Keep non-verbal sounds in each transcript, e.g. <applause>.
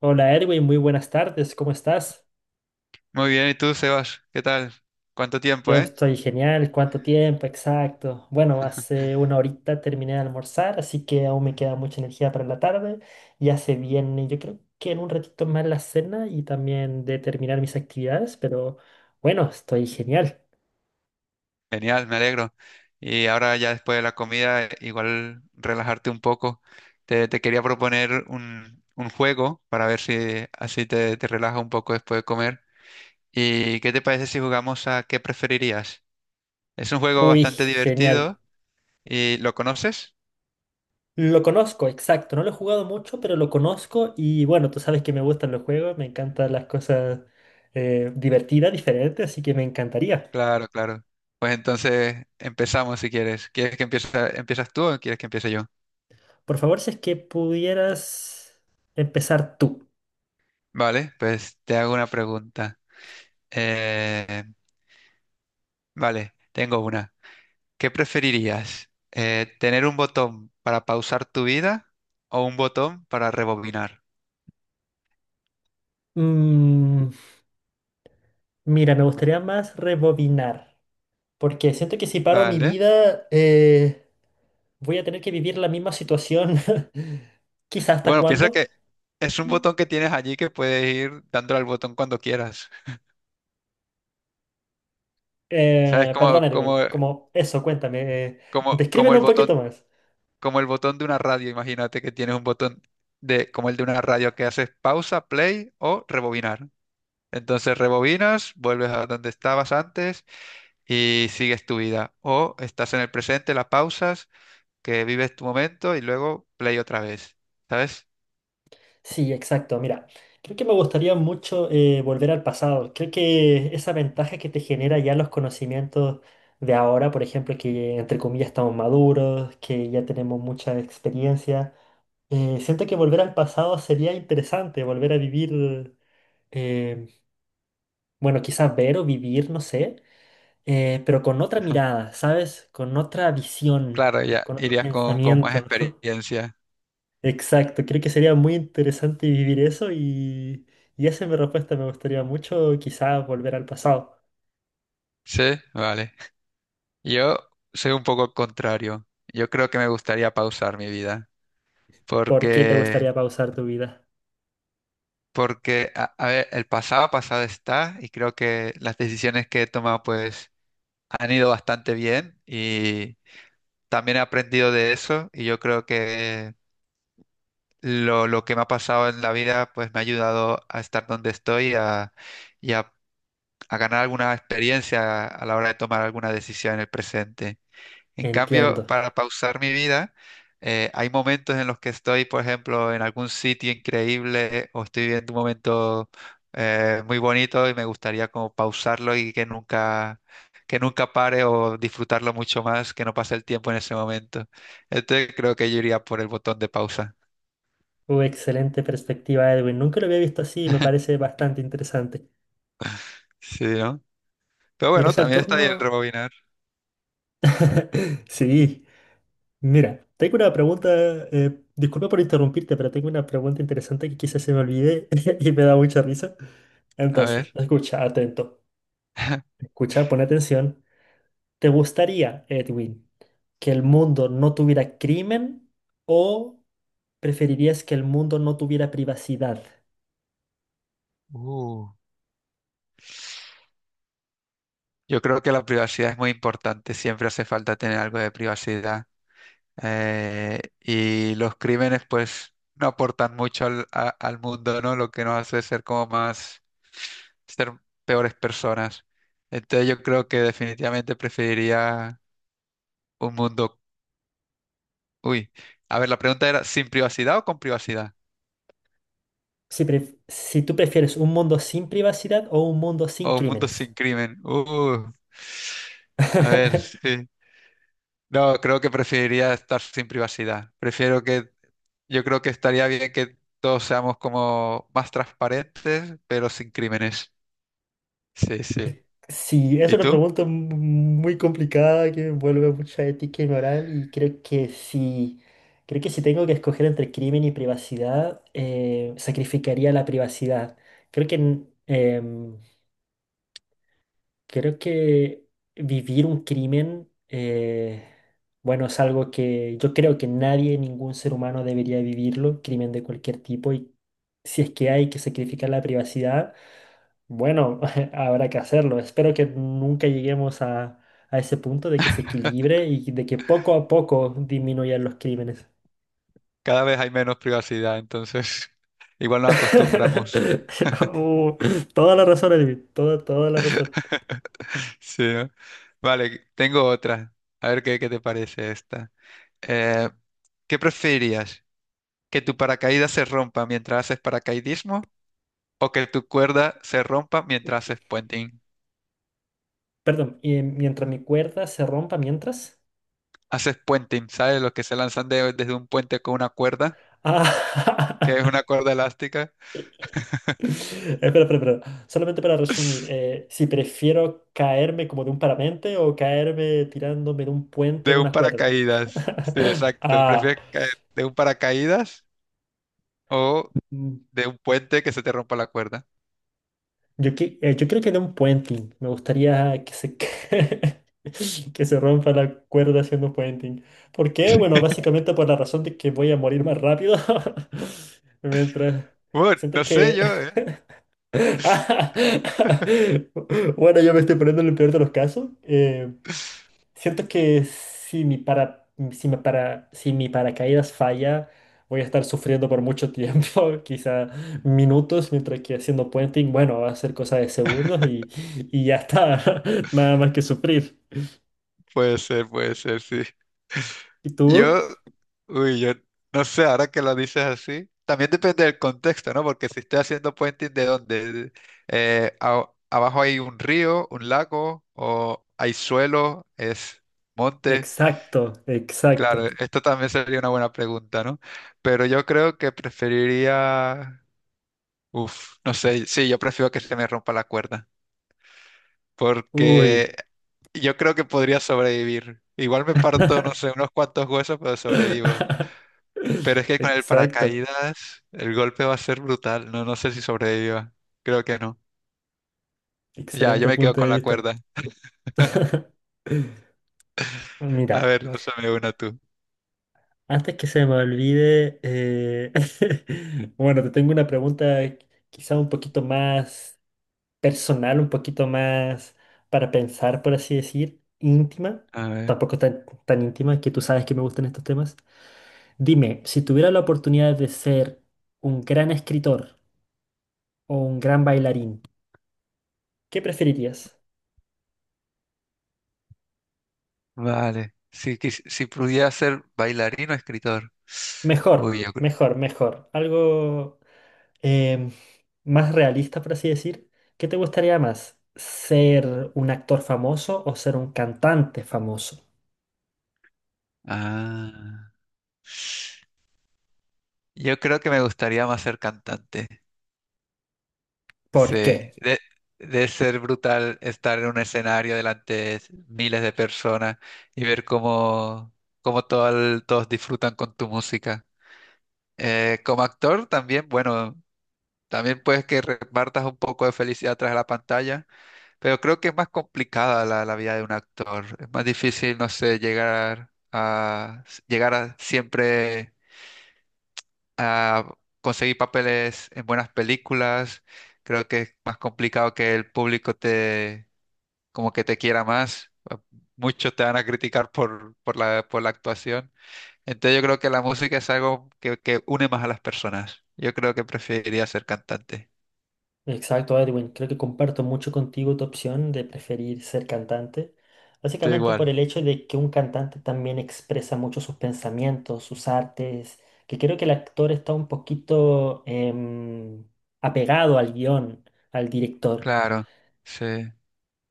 Hola Erwin, muy buenas tardes, ¿cómo estás? Muy bien, ¿y tú, Sebas? ¿Qué tal? ¿Cuánto tiempo, Yo estoy genial, ¿cuánto tiempo? Exacto. Bueno, hace una horita terminé de almorzar, así que aún me queda mucha energía para la tarde. Ya se viene, yo creo que en un ratito más la cena y también de terminar mis actividades, pero bueno, estoy genial. Genial, me alegro. Y ahora ya después de la comida, igual relajarte un poco. Te quería proponer un juego para ver si así te relajas un poco después de comer. ¿Y qué te parece si jugamos a qué preferirías? Es un juego Uy, bastante genial. divertido y ¿lo conoces? Lo conozco, exacto. No lo he jugado mucho, pero lo conozco y bueno, tú sabes que me gustan los juegos, me encantan las cosas divertidas, diferentes, así que me encantaría. Claro, claro. Pues entonces empezamos si quieres. ¿Quieres que empiece, empiezas tú o quieres que empiece yo? Por favor, si es que pudieras empezar tú. Vale, pues te hago una pregunta. Eh, Vale, tengo una. ¿Qué preferirías? ¿Tener un botón para pausar tu vida o un botón para rebobinar? Mm, mira, me gustaría más rebobinar, porque siento que si paro mi Vale. vida, voy a tener que vivir la misma situación, <laughs> quizás hasta Bueno, piensa cuándo. que es un botón que tienes allí que puedes ir dándole al botón cuando quieras. ¿Sabes? Perdón, Edwin, como eso, cuéntame, como, como descríbelo el un botón, poquito más. como el botón de una radio. Imagínate que tienes un botón de, como el de una radio que haces pausa, play o rebobinar. Entonces rebobinas, vuelves a donde estabas antes y sigues tu vida. O estás en el presente, la pausas que vives tu momento y luego play otra vez, ¿sabes? Sí, exacto. Mira, creo que me gustaría mucho volver al pasado. Creo que esa ventaja que te genera ya los conocimientos de ahora, por ejemplo, que entre comillas estamos maduros, que ya tenemos mucha experiencia, siento que volver al pasado sería interesante, volver a vivir, eh, bueno, quizás ver o vivir, no sé, pero con otra mirada, ¿sabes? Con otra visión, Claro, ya con otro irías con más pensamiento. <laughs> experiencia. Exacto, creo que sería muy interesante vivir eso y esa es mi respuesta. Me gustaría mucho quizás volver al pasado. Sí, vale. Yo soy un poco el contrario. Yo creo que me gustaría pausar mi vida. ¿Por qué te Porque, gustaría pausar tu vida? porque a ver, el pasado pasado está y creo que las decisiones que he tomado pues han ido bastante bien y también he aprendido de eso y yo creo que lo que me ha pasado en la vida pues me ha ayudado a estar donde estoy y a ganar alguna experiencia a la hora de tomar alguna decisión en el presente. En cambio, Entiendo. para pausar mi vida, hay momentos en los que estoy, por ejemplo, en algún sitio increíble o estoy viendo un momento muy bonito y me gustaría como pausarlo y que nunca pare o disfrutarlo mucho más, que no pase el tiempo en ese momento. Entonces creo que yo iría por el botón de pausa. Excelente perspectiva, Edwin. Nunca lo había visto así y me parece bastante interesante. Sí, ¿no? Pero Mira, bueno, ¿es el también está ahí el turno? rebobinar. <laughs> Sí. Mira, tengo una pregunta, disculpa por interrumpirte, pero tengo una pregunta interesante que quizás se me olvide <laughs> y me da mucha risa. A Entonces, ver. escucha, atento. <laughs> Escucha, pon atención. ¿Te gustaría, Edwin, que el mundo no tuviera crimen o preferirías que el mundo no tuviera privacidad? Uh. Yo creo que la privacidad es muy importante, siempre hace falta tener algo de privacidad. Y los crímenes, pues, no aportan mucho al mundo, ¿no? Lo que nos hace ser como más, ser peores personas. Entonces yo creo que definitivamente preferiría un mundo. Uy, a ver, la pregunta era, ¿sin privacidad o con privacidad? Si, si tú prefieres un mundo sin privacidad o un mundo sin ¿O un mundo crímenes. sin crimen? A ver, <laughs> sí. No, creo que preferiría estar sin privacidad. Prefiero que yo creo que estaría bien que todos seamos como más transparentes, pero sin crímenes. Sí, sí. Sí, es ¿Y una tú? pregunta muy complicada que me envuelve mucha ética y moral y creo que si tengo que escoger entre crimen y privacidad, sacrificaría la privacidad. Creo que em, creo que vivir un crimen, bueno, es algo que yo creo que nadie, ningún ser humano debería vivirlo, crimen de cualquier tipo, y si es que hay que sacrificar la privacidad, bueno, <laughs> habrá que hacerlo. Espero que nunca lleguemos a ese punto de que se <laughs> equilibre y de que poco a poco disminuyan los crímenes. Cada vez hay menos privacidad, entonces <laughs> igual nos acostumbramos. <laughs> Uh, toda la razón, Edwin, toda, toda la razón. <laughs> Sí, ¿no? Vale, tengo otra. A ver qué, qué te parece esta. Eh, ¿Qué preferirías? ¿Que tu paracaídas se rompa mientras haces paracaidismo o que tu cuerda se rompa mientras haces puenting? Perdón, y mientras mi cuerda se rompa, mientras... Haces puenting, ¿sabes? Los que se lanzan desde un puente con una cuerda, Ah, que es <laughs> una cuerda elástica. <laughs> Espera, espera, espera. Solamente para resumir, <laughs> si prefiero caerme como de un parapente o caerme tirándome de un puente De en un una cuerda. paracaídas. Sí, <laughs> exacto. Ah, ¿Prefieres caer de un paracaídas o mm, de un puente que se te rompa la cuerda? Yo creo que de un puenting. Me gustaría que <laughs> que se rompa la cuerda haciendo puenting. ¿Por qué? Bueno, <laughs> básicamente por la razón de que voy a morir más rápido. <laughs> Mientras Bueno, siento no sé que yo, ¿eh? <laughs> <laughs> bueno, yo me estoy poniendo en el peor de los casos. Siento que si mi paracaídas falla, voy a estar sufriendo por mucho tiempo, <laughs> quizá minutos, mientras que haciendo puenting, bueno, va a ser cosa de segundos y ya está, <laughs> nada más que sufrir. Puede ser, sí. ¿Y tú? Yo, uy, yo no sé, ahora que lo dices así, también depende del contexto, ¿no? Porque si estoy haciendo puenting, ¿de dónde? Abajo hay un río, un lago, o hay suelo, es monte. Exacto, exacto. Claro, esto también sería una buena pregunta, ¿no? Pero yo creo que preferiría uf, no sé, sí, yo prefiero que se me rompa la cuerda, porque Uy. yo creo que podría sobrevivir. Igual me parto, no sé, <laughs> unos cuantos huesos, pero sobrevivo. Pero es que con el Exacto. paracaídas el golpe va a ser brutal, no, no sé si sobreviva. Creo que no. Ya, yo Excelente me quedo punto con de la vista. cuerda. <laughs> A Mira, ver, lánzame una tú. antes que se me olvide, <laughs> bueno, te tengo una pregunta quizá un poquito más personal, un poquito más para pensar, por así decir, íntima, A ver, tampoco tan, tan íntima, que tú sabes que me gustan estos temas. Dime, si tuviera la oportunidad de ser un gran escritor o un gran bailarín, ¿qué preferirías? vale. Si, si pudiera ser bailarín o escritor. Uy, Mejor, yo creo. mejor, mejor. Algo... em, más realista, por así decir, ¿qué te gustaría más? ¿Ser un actor famoso o ser un cantante famoso? Ah. Yo creo que me gustaría más ser cantante. ¿Por qué? Sí, de, de ser brutal estar en un escenario delante de miles de personas y ver cómo, cómo todos disfrutan con tu música. Como actor también, bueno, también puedes que repartas un poco de felicidad tras la pantalla, pero creo que es más complicada la vida de un actor. Es más difícil, no sé, llegar a, llegar a siempre a conseguir papeles en buenas películas. Creo que es más complicado que el público te, como que te quiera más. Muchos te van a criticar por, por la actuación. Entonces yo creo que la música es algo que une más a las personas. Yo creo que preferiría ser cantante. Exacto, Edwin. Creo que comparto mucho contigo tu opción de preferir ser cantante. Tú Básicamente por igual. el hecho de que un cantante también expresa mucho sus pensamientos, sus artes, que creo que el actor está un poquito apegado al guión, al director. Claro, sí.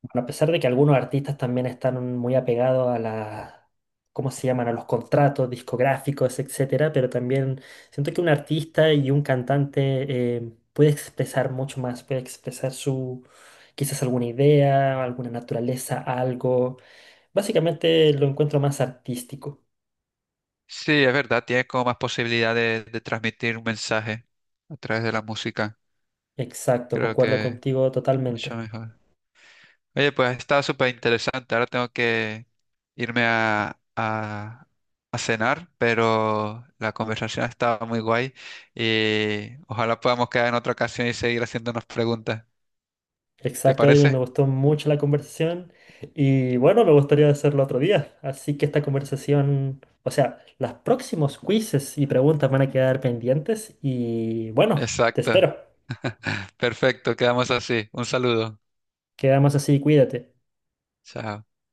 Bueno, a pesar de que algunos artistas también están muy apegados a las, ¿cómo se llaman? A los contratos discográficos, etcétera, pero también siento que un artista y un cantante puede expresar mucho más, puede expresar su, quizás alguna idea, alguna naturaleza, algo. Básicamente lo encuentro más artístico. Sí, es verdad, tienes como más posibilidad de transmitir un mensaje a través de la música. Exacto, Creo concuerdo que contigo mucho totalmente. mejor. Oye, pues está súper interesante. Ahora tengo que irme a cenar, pero la conversación estaba muy guay y ojalá podamos quedar en otra ocasión y seguir haciéndonos preguntas. ¿Te Exacto, Edwin, parece? me gustó mucho la conversación y bueno, me gustaría hacerlo otro día. Así que esta conversación, o sea, los próximos quizzes y preguntas van a quedar pendientes y bueno, te Exacto. espero. <laughs> Perfecto, quedamos así. Un saludo. Quedamos así, cuídate. Chao.